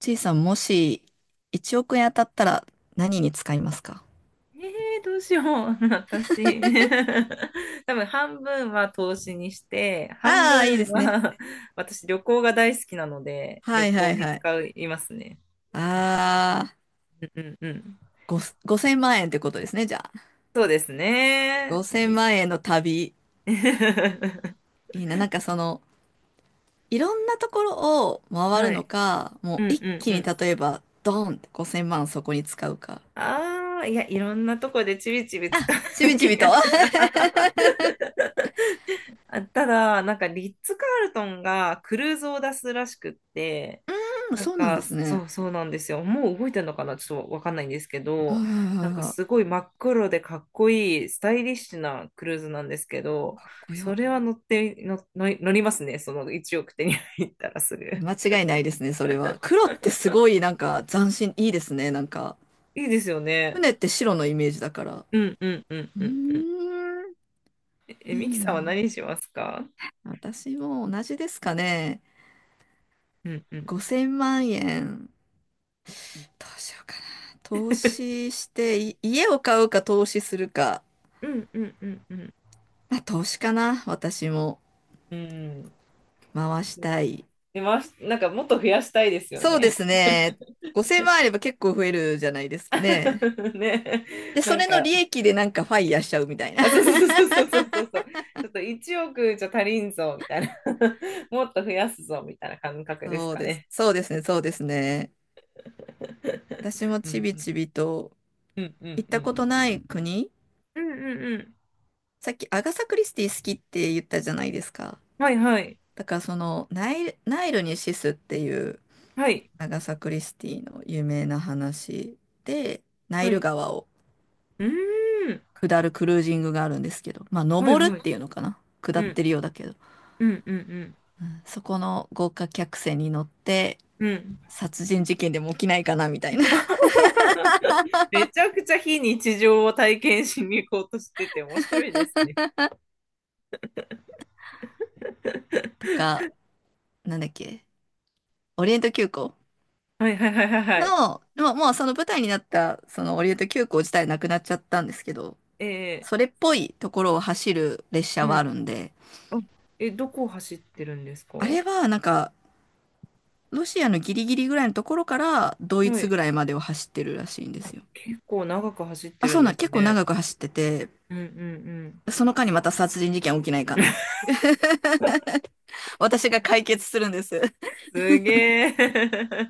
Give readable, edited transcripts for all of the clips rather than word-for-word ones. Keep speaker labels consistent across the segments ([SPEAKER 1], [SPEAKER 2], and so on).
[SPEAKER 1] ちいさん、もし1億円当たったら何に使いますか？
[SPEAKER 2] ええどうしよう、私。多分半分は投資にして、半
[SPEAKER 1] ああー、いい
[SPEAKER 2] 分
[SPEAKER 1] ですね。
[SPEAKER 2] は 私旅行が大好きなので、
[SPEAKER 1] は
[SPEAKER 2] 旅
[SPEAKER 1] いは
[SPEAKER 2] 行
[SPEAKER 1] い
[SPEAKER 2] に
[SPEAKER 1] は
[SPEAKER 2] 使
[SPEAKER 1] い。
[SPEAKER 2] いますね。
[SPEAKER 1] ああ、
[SPEAKER 2] うんうんうん。
[SPEAKER 1] ご、5000万円ってことですね、じゃあ。
[SPEAKER 2] そうですね。
[SPEAKER 1] 5000万円の旅。いいな。なんかその、いろんなところを回る
[SPEAKER 2] は
[SPEAKER 1] の
[SPEAKER 2] い。
[SPEAKER 1] か、
[SPEAKER 2] う
[SPEAKER 1] も
[SPEAKER 2] ん
[SPEAKER 1] う一
[SPEAKER 2] うん
[SPEAKER 1] 気
[SPEAKER 2] う
[SPEAKER 1] に
[SPEAKER 2] ん。
[SPEAKER 1] 例えば、ドーンって5000万そこに使うか。
[SPEAKER 2] ああ、いや、いろんなとこでちびちび使
[SPEAKER 1] ちび
[SPEAKER 2] う
[SPEAKER 1] ち
[SPEAKER 2] 気
[SPEAKER 1] び
[SPEAKER 2] が
[SPEAKER 1] と。あ、
[SPEAKER 2] します。あ、ただ、なんかリッツ・カールトンがクルーズを出すらしくって、
[SPEAKER 1] うん、
[SPEAKER 2] なん
[SPEAKER 1] そうなんで
[SPEAKER 2] か
[SPEAKER 1] す
[SPEAKER 2] そ
[SPEAKER 1] ね。
[SPEAKER 2] うそうなんですよ。もう動いてるのかなちょっとわかんないんですけ
[SPEAKER 1] はい
[SPEAKER 2] ど、
[SPEAKER 1] は
[SPEAKER 2] な
[SPEAKER 1] い
[SPEAKER 2] ん
[SPEAKER 1] はい
[SPEAKER 2] か
[SPEAKER 1] は
[SPEAKER 2] すごい真っ黒でかっこいいスタイリッシュなクルーズなんですけど、
[SPEAKER 1] い。かっこ
[SPEAKER 2] そ
[SPEAKER 1] よ。
[SPEAKER 2] れは乗っての乗り乗りますね。その1億手に入ったらすぐ。
[SPEAKER 1] 間 違いないですね、それは。黒ってすごいなんか斬新、いいですね、なんか。
[SPEAKER 2] いいですよね。
[SPEAKER 1] 船って白のイメージだから。う
[SPEAKER 2] うんうんうん
[SPEAKER 1] ー
[SPEAKER 2] うん。
[SPEAKER 1] ん、
[SPEAKER 2] え、ミキ
[SPEAKER 1] いい
[SPEAKER 2] さんは
[SPEAKER 1] な。
[SPEAKER 2] 何しますか？
[SPEAKER 1] 私も同じですかね。
[SPEAKER 2] うんうん。
[SPEAKER 1] 5000万円、どうしようかな。投資して、家を買うか投資するか。
[SPEAKER 2] うんうんうんうん。
[SPEAKER 1] まあ、投資かな。私も
[SPEAKER 2] うん。
[SPEAKER 1] 回したい。
[SPEAKER 2] で、なんかもっと増やしたいですよ
[SPEAKER 1] そうで
[SPEAKER 2] ね。
[SPEAKER 1] すね。5000万あれば結構増えるじゃないですかね。
[SPEAKER 2] ね、
[SPEAKER 1] で、
[SPEAKER 2] な
[SPEAKER 1] そ
[SPEAKER 2] ん
[SPEAKER 1] れの
[SPEAKER 2] か、
[SPEAKER 1] 利益でなんかファイヤーしちゃうみたいな。
[SPEAKER 2] あ、そうそうそうそうそうそうそう、ちょっと1億じゃ足りんぞみたいな、もっと増やすぞみたいな感覚です
[SPEAKER 1] そう
[SPEAKER 2] か
[SPEAKER 1] です。
[SPEAKER 2] ね。
[SPEAKER 1] そうですね。そうですね。私も
[SPEAKER 2] う
[SPEAKER 1] ち
[SPEAKER 2] ん
[SPEAKER 1] び
[SPEAKER 2] うん
[SPEAKER 1] ちびと
[SPEAKER 2] うんうん
[SPEAKER 1] 行っ
[SPEAKER 2] う
[SPEAKER 1] た
[SPEAKER 2] ん。
[SPEAKER 1] ことない国。
[SPEAKER 2] うんうんうん。
[SPEAKER 1] さっきアガサ・クリスティ好きって言ったじゃないですか。
[SPEAKER 2] はいはい。
[SPEAKER 1] だからそのナイルにシスっていう
[SPEAKER 2] はい。
[SPEAKER 1] 長サ・クリスティの有名な話で、ナ
[SPEAKER 2] は
[SPEAKER 1] イル
[SPEAKER 2] い。
[SPEAKER 1] 川を
[SPEAKER 2] うーん。
[SPEAKER 1] 下るクルージングがあるんですけど、まあ
[SPEAKER 2] はい
[SPEAKER 1] 登るっ
[SPEAKER 2] はい。
[SPEAKER 1] ていうのかな下
[SPEAKER 2] う
[SPEAKER 1] っ
[SPEAKER 2] ん
[SPEAKER 1] てるようだけど、
[SPEAKER 2] うんうん
[SPEAKER 1] そこの豪華客船に乗って
[SPEAKER 2] うん。うん。
[SPEAKER 1] 殺人事件でも起きないかなみたいな。
[SPEAKER 2] めちゃくちゃ非日常を体験しに行こうとしてて面白いですね。
[SPEAKER 1] あ、なんだっけ、オリエント急行
[SPEAKER 2] はいはいはいはいはい。
[SPEAKER 1] の、まあもうその舞台になったそのオリエント急行自体なくなっちゃったんですけど、それ
[SPEAKER 2] え
[SPEAKER 1] っぽいところを走る列
[SPEAKER 2] ー、
[SPEAKER 1] 車
[SPEAKER 2] う
[SPEAKER 1] はあ
[SPEAKER 2] ん。
[SPEAKER 1] るんで、
[SPEAKER 2] あ、え、どこを走ってるんですか？
[SPEAKER 1] あれはなんかロシアのギリギリぐらいのところからドイ
[SPEAKER 2] は
[SPEAKER 1] ツ
[SPEAKER 2] い。
[SPEAKER 1] ぐらいまでを走ってるらしいんですよ。
[SPEAKER 2] 結構長く走って
[SPEAKER 1] あ、
[SPEAKER 2] る
[SPEAKER 1] そ
[SPEAKER 2] ん
[SPEAKER 1] う
[SPEAKER 2] で
[SPEAKER 1] なん、
[SPEAKER 2] す
[SPEAKER 1] 結構
[SPEAKER 2] ね。
[SPEAKER 1] 長く走ってて、
[SPEAKER 2] うんうんうん。
[SPEAKER 1] その間にまた殺人事件起きないかな。私が解決するんです。
[SPEAKER 2] すげえ。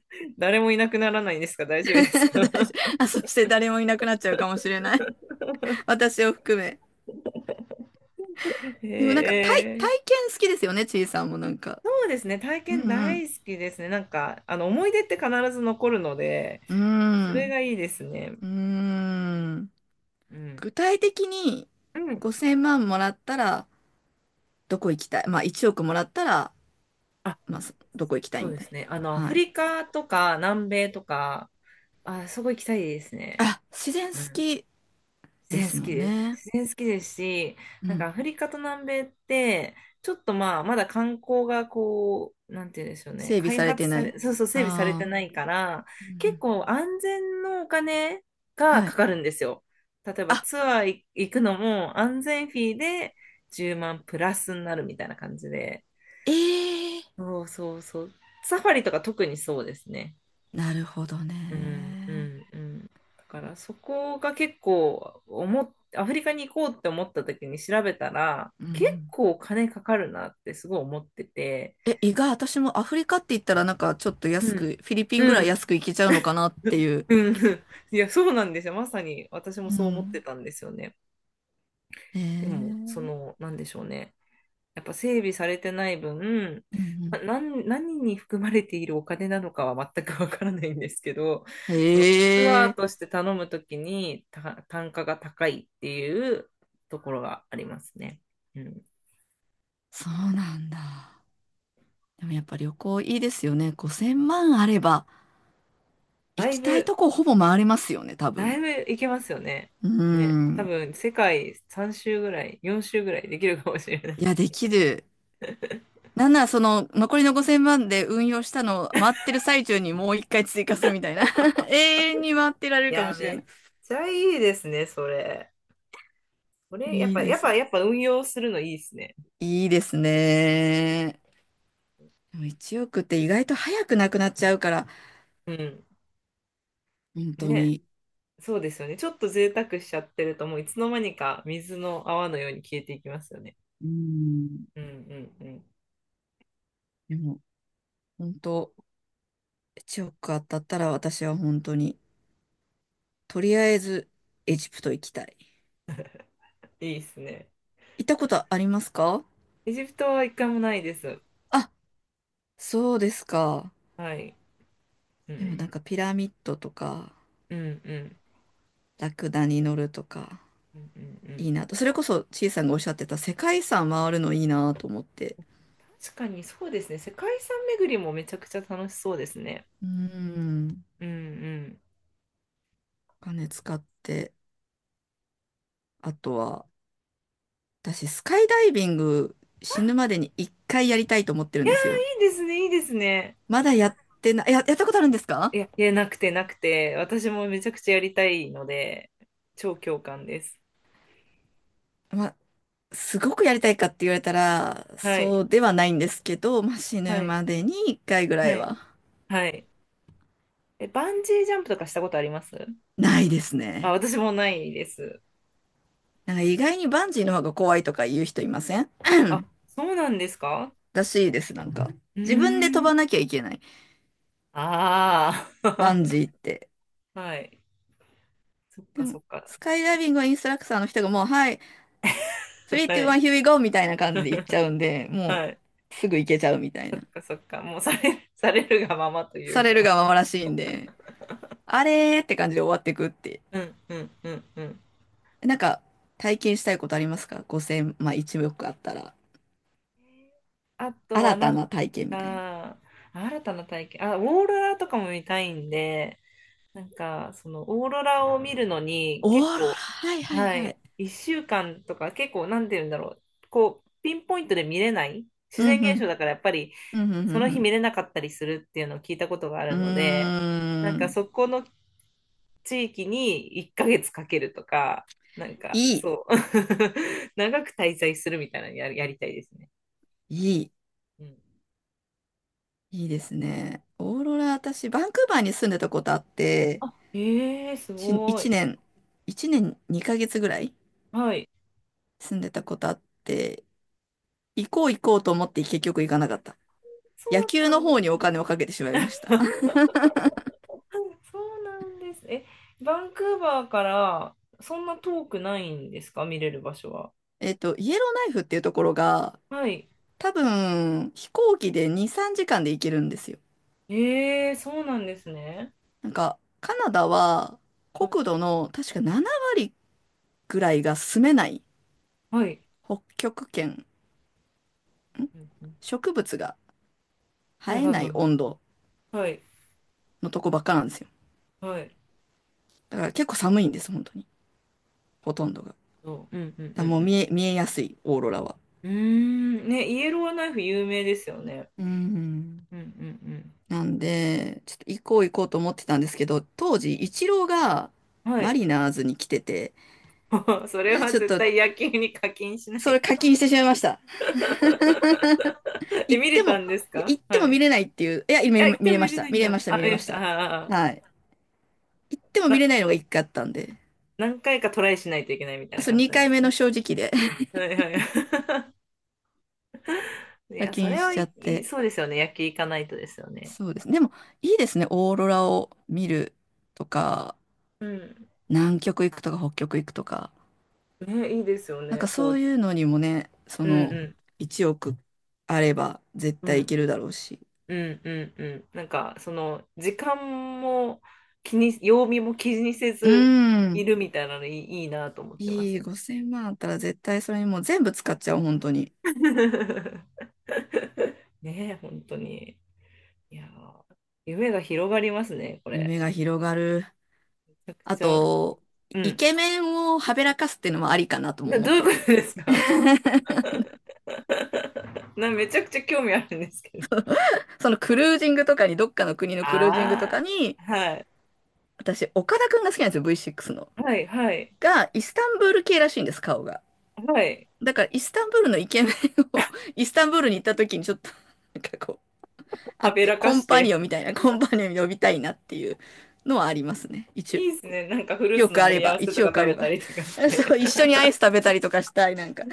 [SPEAKER 2] 誰もいなくならないんですか？大 丈夫です
[SPEAKER 1] 大
[SPEAKER 2] か？
[SPEAKER 1] 丈夫。あ、そして誰もいなくなっちゃうかもしれない。私を含め。
[SPEAKER 2] へ
[SPEAKER 1] でもなんか体、体
[SPEAKER 2] え。
[SPEAKER 1] 験好きですよね、ちいさんもなんか。
[SPEAKER 2] そうですね。体
[SPEAKER 1] う
[SPEAKER 2] 験
[SPEAKER 1] ん
[SPEAKER 2] 大好きですね。なんか、思い出って必ず残るので、
[SPEAKER 1] う
[SPEAKER 2] それ
[SPEAKER 1] ん。
[SPEAKER 2] がいいですね。
[SPEAKER 1] うーん。うーん。
[SPEAKER 2] うん。
[SPEAKER 1] 具体的に
[SPEAKER 2] うん。
[SPEAKER 1] 5000万もらったらどこ行きたい。まあ1億もらったら、
[SPEAKER 2] あ、
[SPEAKER 1] まあどこ行きたい
[SPEAKER 2] そう
[SPEAKER 1] み
[SPEAKER 2] で
[SPEAKER 1] たい
[SPEAKER 2] すね。ア
[SPEAKER 1] な。は
[SPEAKER 2] フ
[SPEAKER 1] い。
[SPEAKER 2] リカとか南米とか、あ、すごい行きたいですね。
[SPEAKER 1] あ、自然好
[SPEAKER 2] うん。
[SPEAKER 1] き
[SPEAKER 2] 自
[SPEAKER 1] で
[SPEAKER 2] 然好
[SPEAKER 1] すも
[SPEAKER 2] き
[SPEAKER 1] ん
[SPEAKER 2] です。
[SPEAKER 1] ね。
[SPEAKER 2] 自然好きですし、
[SPEAKER 1] う
[SPEAKER 2] なんかア
[SPEAKER 1] ん。
[SPEAKER 2] フリカと南米って、ちょっとまあ、まだ観光がこう、なんて言うんでしょうね、
[SPEAKER 1] 整備
[SPEAKER 2] 開
[SPEAKER 1] され
[SPEAKER 2] 発
[SPEAKER 1] てな
[SPEAKER 2] さ
[SPEAKER 1] い。
[SPEAKER 2] れ、そうそう、整備されて
[SPEAKER 1] ああ。
[SPEAKER 2] ないから、
[SPEAKER 1] う
[SPEAKER 2] 結
[SPEAKER 1] ん
[SPEAKER 2] 構安全のお金
[SPEAKER 1] うん、
[SPEAKER 2] が
[SPEAKER 1] は
[SPEAKER 2] か
[SPEAKER 1] い。
[SPEAKER 2] かるんですよ。例えば
[SPEAKER 1] あ、
[SPEAKER 2] ツアー行くのも安全フィーで10万プラスになるみたいな感じで。
[SPEAKER 1] ええ、
[SPEAKER 2] そうそうそう。サファリとか特にそうですね。
[SPEAKER 1] なるほど
[SPEAKER 2] うんう
[SPEAKER 1] ね。
[SPEAKER 2] んうん。だからそこが結構思っアフリカに行こうって思った時に調べたら、
[SPEAKER 1] うんう
[SPEAKER 2] 結
[SPEAKER 1] ん。
[SPEAKER 2] 構お金かかるなってすごい思ってて、
[SPEAKER 1] え、意外、私もアフリカって言ったらなんかちょっと
[SPEAKER 2] う
[SPEAKER 1] 安
[SPEAKER 2] ん
[SPEAKER 1] く、フィリピン
[SPEAKER 2] う
[SPEAKER 1] ぐらい
[SPEAKER 2] ん
[SPEAKER 1] 安く行けちゃうのかなっていう。
[SPEAKER 2] うんうん、いや、そうなんですよ。まさに私も
[SPEAKER 1] う
[SPEAKER 2] そう思って
[SPEAKER 1] ん。
[SPEAKER 2] たんですよね。
[SPEAKER 1] へ
[SPEAKER 2] でも、そ
[SPEAKER 1] え、
[SPEAKER 2] のなんでしょうね、やっぱ整備されてない分、
[SPEAKER 1] うんう
[SPEAKER 2] な、
[SPEAKER 1] ん。
[SPEAKER 2] 何何に含まれているお金なのかは全くわからないんですけど、そのツ
[SPEAKER 1] へ
[SPEAKER 2] アーと
[SPEAKER 1] え、
[SPEAKER 2] して頼むときに単価が高いっていうところがありますね。うん。
[SPEAKER 1] そうなんだ。でもやっぱ旅行いいですよね。5000万あれば行
[SPEAKER 2] だい
[SPEAKER 1] きたい
[SPEAKER 2] ぶ、
[SPEAKER 1] とこほぼ回れますよね、多
[SPEAKER 2] だ
[SPEAKER 1] 分。
[SPEAKER 2] いぶいけますよね。
[SPEAKER 1] う
[SPEAKER 2] ね。多
[SPEAKER 1] ん。
[SPEAKER 2] 分世界3周ぐらい、4周ぐらいできるかもしれな
[SPEAKER 1] いや、
[SPEAKER 2] い。
[SPEAKER 1] できる。なんならその残りの5000万で運用したのを回ってる最中にもう一回追加するみたいな。永遠に回ってられ
[SPEAKER 2] い
[SPEAKER 1] るかも
[SPEAKER 2] や、
[SPEAKER 1] しれ
[SPEAKER 2] め
[SPEAKER 1] な
[SPEAKER 2] っ
[SPEAKER 1] い。
[SPEAKER 2] ちゃいいですね、それ。これ、やっ
[SPEAKER 1] いい
[SPEAKER 2] ぱ、
[SPEAKER 1] で
[SPEAKER 2] やっ
[SPEAKER 1] す。
[SPEAKER 2] ぱ、やっぱ運用するのいいですね。
[SPEAKER 1] いいですね。でも1億って意外と早くなくなっちゃうから、
[SPEAKER 2] うん。
[SPEAKER 1] 本当
[SPEAKER 2] ね。
[SPEAKER 1] に。
[SPEAKER 2] そうですよね。ちょっと贅沢しちゃってると、もういつの間にか水の泡のように消えていきますよね。
[SPEAKER 1] うん。
[SPEAKER 2] うんうんうん。
[SPEAKER 1] でも、本当、1億当たったら私は本当に、とりあえずエジプト行きたい。
[SPEAKER 2] いいですね。
[SPEAKER 1] 行ったことありますか？
[SPEAKER 2] エジプトは一回もないです。
[SPEAKER 1] あ、そうですか。
[SPEAKER 2] はい。う
[SPEAKER 1] でもな
[SPEAKER 2] ん。
[SPEAKER 1] んかピラミッドとか、
[SPEAKER 2] うんうん
[SPEAKER 1] ラクダに乗るとか。
[SPEAKER 2] うんうんう
[SPEAKER 1] い
[SPEAKER 2] ん。
[SPEAKER 1] いなと。それこそ、ちいさんがおっしゃってた世界遺産回るのいいなと思って。
[SPEAKER 2] 確かにそうですね。世界遺産巡りもめちゃくちゃ楽しそうですね。
[SPEAKER 1] うん。
[SPEAKER 2] うんうん。
[SPEAKER 1] お金使って、あとは、私、スカイダイビング死ぬまでに一回やりたいと思ってるんですよ。
[SPEAKER 2] いいですね、いいですね。
[SPEAKER 1] まだやってない、やったことあるんです
[SPEAKER 2] い
[SPEAKER 1] か？
[SPEAKER 2] や、いや、なくてなくて、私もめちゃくちゃやりたいので、超共感です。
[SPEAKER 1] まあ、すごくやりたいかって言われたら、
[SPEAKER 2] は
[SPEAKER 1] そ
[SPEAKER 2] い。
[SPEAKER 1] うではないんですけど、まあ、死
[SPEAKER 2] は
[SPEAKER 1] ぬ
[SPEAKER 2] い。
[SPEAKER 1] までに一回ぐら
[SPEAKER 2] は
[SPEAKER 1] い
[SPEAKER 2] い。
[SPEAKER 1] は。
[SPEAKER 2] はい。え、バンジージャンプとかしたことあります？
[SPEAKER 1] ないです
[SPEAKER 2] あ、
[SPEAKER 1] ね。
[SPEAKER 2] 私もないです。
[SPEAKER 1] なんか意外にバンジーの方が怖いとか言う人いません？
[SPEAKER 2] あ、そうなんですか？
[SPEAKER 1] らしいです、なんか。
[SPEAKER 2] うー
[SPEAKER 1] 自分で飛ばな
[SPEAKER 2] ん。
[SPEAKER 1] きゃいけない。
[SPEAKER 2] あ
[SPEAKER 1] バンジ
[SPEAKER 2] あ。
[SPEAKER 1] ーって。
[SPEAKER 2] はい。そっ
[SPEAKER 1] で
[SPEAKER 2] かそ
[SPEAKER 1] も、
[SPEAKER 2] っか。
[SPEAKER 1] スカイダイビングはインストラクターの人がもう、はい、3、2、
[SPEAKER 2] は
[SPEAKER 1] 1、
[SPEAKER 2] い。
[SPEAKER 1] here we go! みたいな感じで行っち ゃうんで、も
[SPEAKER 2] はい。
[SPEAKER 1] う、すぐ行けちゃうみたい
[SPEAKER 2] そっ
[SPEAKER 1] な。
[SPEAKER 2] かそっか。もうされるがままとい
[SPEAKER 1] さ
[SPEAKER 2] う
[SPEAKER 1] れる
[SPEAKER 2] か。
[SPEAKER 1] がままらしいんで、あれーって感じで終わっていくって。
[SPEAKER 2] うんうんうんうん。
[SPEAKER 1] なんか、体験したいことありますか？ 5000、まあ1億あったら、
[SPEAKER 2] あとは
[SPEAKER 1] 新
[SPEAKER 2] な
[SPEAKER 1] た
[SPEAKER 2] ん
[SPEAKER 1] な体験みたいな。
[SPEAKER 2] か、新たな体験。あ、オーロラとかも見たいんで、なんか、そのオーロラを見るのに
[SPEAKER 1] オーロ
[SPEAKER 2] 結
[SPEAKER 1] ラ、
[SPEAKER 2] 構、
[SPEAKER 1] はいはい
[SPEAKER 2] は
[SPEAKER 1] は
[SPEAKER 2] い。
[SPEAKER 1] い。
[SPEAKER 2] 1週間とか結構、なんて言うんだろう。こう、ピンポイントで見れない自
[SPEAKER 1] う
[SPEAKER 2] 然
[SPEAKER 1] んう
[SPEAKER 2] 現象
[SPEAKER 1] ん。
[SPEAKER 2] だからやっぱり、
[SPEAKER 1] うんう
[SPEAKER 2] そ
[SPEAKER 1] ん
[SPEAKER 2] の
[SPEAKER 1] う
[SPEAKER 2] 日
[SPEAKER 1] ん
[SPEAKER 2] 見れなかったりするっていうのを聞いたことがあ
[SPEAKER 1] う
[SPEAKER 2] る
[SPEAKER 1] ん。
[SPEAKER 2] ので、なん
[SPEAKER 1] うー
[SPEAKER 2] か
[SPEAKER 1] ん。
[SPEAKER 2] そこの地域に1ヶ月かけるとか、なんか
[SPEAKER 1] いい。
[SPEAKER 2] そう、長く滞在するみたいなのやりたいですね。
[SPEAKER 1] いい。
[SPEAKER 2] うん。
[SPEAKER 1] いいですね。オーロラ、私、バンクーバーに住んでたことあって、
[SPEAKER 2] あ、ええす
[SPEAKER 1] し
[SPEAKER 2] ご
[SPEAKER 1] 一
[SPEAKER 2] い。
[SPEAKER 1] 年、一年2ヶ月ぐらい
[SPEAKER 2] はい。
[SPEAKER 1] 住んでたことあって、行こう行こうと思って結局行かなかった。
[SPEAKER 2] そう
[SPEAKER 1] 野
[SPEAKER 2] だ
[SPEAKER 1] 球
[SPEAKER 2] った
[SPEAKER 1] の
[SPEAKER 2] んで
[SPEAKER 1] 方に
[SPEAKER 2] す
[SPEAKER 1] お
[SPEAKER 2] ね。
[SPEAKER 1] 金をかけてしまいました。
[SPEAKER 2] そうそうなんです。え、バンクーバーからそんな遠くないんですか？見れる場所は。
[SPEAKER 1] イエローナイフっていうところが、
[SPEAKER 2] はい。
[SPEAKER 1] 多分、飛行機で2、3時間で行けるんですよ。
[SPEAKER 2] ええ、そうなんですね。
[SPEAKER 1] なんか、カナダは
[SPEAKER 2] は
[SPEAKER 1] 国
[SPEAKER 2] い。
[SPEAKER 1] 土の確か7割ぐらいが住めない
[SPEAKER 2] はい。
[SPEAKER 1] 北極圏、
[SPEAKER 2] うんうん、
[SPEAKER 1] 植物が
[SPEAKER 2] はい
[SPEAKER 1] 生え
[SPEAKER 2] はいは
[SPEAKER 1] ない
[SPEAKER 2] いは
[SPEAKER 1] 温度
[SPEAKER 2] い。はい。
[SPEAKER 1] のとこばっかなんですよ。
[SPEAKER 2] はい。
[SPEAKER 1] だから結構寒いんです、本当に。ほとんどが。だか
[SPEAKER 2] うんう
[SPEAKER 1] ら
[SPEAKER 2] ん
[SPEAKER 1] もう
[SPEAKER 2] うん
[SPEAKER 1] 見えやすい、オーロラは。
[SPEAKER 2] うん。うーん、ね、イエローナイフ有名ですよね。
[SPEAKER 1] うん。
[SPEAKER 2] うんうん
[SPEAKER 1] なんで、ちょっと行こう行こうと思ってたんですけど、当時、イチローが
[SPEAKER 2] うん。は
[SPEAKER 1] マ
[SPEAKER 2] い。
[SPEAKER 1] リナーズに来てて、
[SPEAKER 2] それ は
[SPEAKER 1] ちょっ
[SPEAKER 2] 絶
[SPEAKER 1] と、
[SPEAKER 2] 対野球に課金しな
[SPEAKER 1] そ
[SPEAKER 2] い
[SPEAKER 1] れ
[SPEAKER 2] と。
[SPEAKER 1] 課金してしまいました。
[SPEAKER 2] え、
[SPEAKER 1] 行っ
[SPEAKER 2] 見れ
[SPEAKER 1] て
[SPEAKER 2] た
[SPEAKER 1] も、
[SPEAKER 2] んです
[SPEAKER 1] いや、
[SPEAKER 2] か？
[SPEAKER 1] 行って
[SPEAKER 2] は
[SPEAKER 1] も見
[SPEAKER 2] い。
[SPEAKER 1] れないっていう、いや、見
[SPEAKER 2] あ、
[SPEAKER 1] れ、
[SPEAKER 2] 行っ
[SPEAKER 1] 見
[SPEAKER 2] て
[SPEAKER 1] れ
[SPEAKER 2] も
[SPEAKER 1] ま
[SPEAKER 2] 見
[SPEAKER 1] し
[SPEAKER 2] れ
[SPEAKER 1] た。
[SPEAKER 2] ない
[SPEAKER 1] 見
[SPEAKER 2] ん
[SPEAKER 1] れま
[SPEAKER 2] だ。
[SPEAKER 1] した、
[SPEAKER 2] あ、
[SPEAKER 1] 見れ
[SPEAKER 2] 見
[SPEAKER 1] ま
[SPEAKER 2] まし
[SPEAKER 1] し
[SPEAKER 2] た。
[SPEAKER 1] た。
[SPEAKER 2] ああ、
[SPEAKER 1] はい。行っても見
[SPEAKER 2] な、
[SPEAKER 1] れないのが一回あったんで、
[SPEAKER 2] 何回かトライしないといけないみたいな
[SPEAKER 1] そう、
[SPEAKER 2] 感じなん
[SPEAKER 1] 2
[SPEAKER 2] で
[SPEAKER 1] 回
[SPEAKER 2] す
[SPEAKER 1] 目の
[SPEAKER 2] ね。
[SPEAKER 1] 正直で
[SPEAKER 2] はいはい。い
[SPEAKER 1] 課
[SPEAKER 2] や、そ
[SPEAKER 1] 金
[SPEAKER 2] れ
[SPEAKER 1] し
[SPEAKER 2] は
[SPEAKER 1] ちゃ
[SPEAKER 2] い
[SPEAKER 1] っ
[SPEAKER 2] い、
[SPEAKER 1] て。
[SPEAKER 2] そうですよね。野球行かないとですよね。
[SPEAKER 1] そうですね。でも、いいですね。オーロラを見るとか、
[SPEAKER 2] うん。
[SPEAKER 1] 南極行くとか、北極行くとか。
[SPEAKER 2] ね、いいですよ
[SPEAKER 1] なん
[SPEAKER 2] ね。
[SPEAKER 1] か
[SPEAKER 2] こ
[SPEAKER 1] そ
[SPEAKER 2] う、
[SPEAKER 1] ういうのにもね、そ
[SPEAKER 2] う
[SPEAKER 1] の
[SPEAKER 2] ん
[SPEAKER 1] 1億あれば絶
[SPEAKER 2] う
[SPEAKER 1] 対い
[SPEAKER 2] ん。
[SPEAKER 1] けるだろうし。
[SPEAKER 2] うんうんうん。なんか、その、時間も気に、曜日も気にせ
[SPEAKER 1] う
[SPEAKER 2] ずい
[SPEAKER 1] ん。
[SPEAKER 2] るみたいなのいいなと思ってま
[SPEAKER 1] い
[SPEAKER 2] す。
[SPEAKER 1] い、5000万あったら絶対それにもう全部使っちゃう、本当に。
[SPEAKER 2] ねえ、本当に。いやー、夢が広がりますね、これ。
[SPEAKER 1] 夢が広がる。
[SPEAKER 2] めちゃく
[SPEAKER 1] あ
[SPEAKER 2] ちゃ、
[SPEAKER 1] と、
[SPEAKER 2] う
[SPEAKER 1] イ
[SPEAKER 2] ん。
[SPEAKER 1] ケメンをはべらかすっていうのもありかなとも思
[SPEAKER 2] ど
[SPEAKER 1] っ
[SPEAKER 2] う
[SPEAKER 1] て
[SPEAKER 2] いうこ
[SPEAKER 1] て。
[SPEAKER 2] とですか？ めちゃくちゃ興味あるんですけど。
[SPEAKER 1] そのクルージングとかに、どっかの国のクルージングとか
[SPEAKER 2] あ
[SPEAKER 1] に、
[SPEAKER 2] あ、はい。
[SPEAKER 1] 私、岡田くんが好きなんですよ、V6 の。
[SPEAKER 2] はい、はい、
[SPEAKER 1] が、イスタンブール系らしいんです、顔が。
[SPEAKER 2] はい。
[SPEAKER 1] だから、イスタンブールのイケメンを、イスタンブールに行った時にちょっと、なんかこう、あ
[SPEAKER 2] は
[SPEAKER 1] っ
[SPEAKER 2] べ
[SPEAKER 1] て、
[SPEAKER 2] ら
[SPEAKER 1] コ
[SPEAKER 2] か
[SPEAKER 1] ン
[SPEAKER 2] し
[SPEAKER 1] パニオ
[SPEAKER 2] て。
[SPEAKER 1] ンみたいな、コンパニオン呼びたいなっていうのはありますね。一応、
[SPEAKER 2] いいですね。なんかフル
[SPEAKER 1] 1
[SPEAKER 2] ーツの
[SPEAKER 1] 億あれ
[SPEAKER 2] 盛り合
[SPEAKER 1] ば、
[SPEAKER 2] わせ
[SPEAKER 1] 1
[SPEAKER 2] とか
[SPEAKER 1] 億あ
[SPEAKER 2] 食
[SPEAKER 1] れ
[SPEAKER 2] べ
[SPEAKER 1] ば。
[SPEAKER 2] たりとかし
[SPEAKER 1] そ
[SPEAKER 2] て。
[SPEAKER 1] う、一緒にアイス食べたりとかしたい、なんか。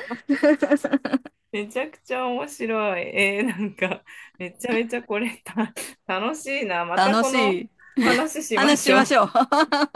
[SPEAKER 2] めちゃくちゃ面白い。なんか、めちゃめちゃこれた、楽しいな。また
[SPEAKER 1] 楽
[SPEAKER 2] この
[SPEAKER 1] しい。
[SPEAKER 2] 話しま
[SPEAKER 1] 話
[SPEAKER 2] し
[SPEAKER 1] し
[SPEAKER 2] ょ
[SPEAKER 1] ましょ
[SPEAKER 2] う。
[SPEAKER 1] う。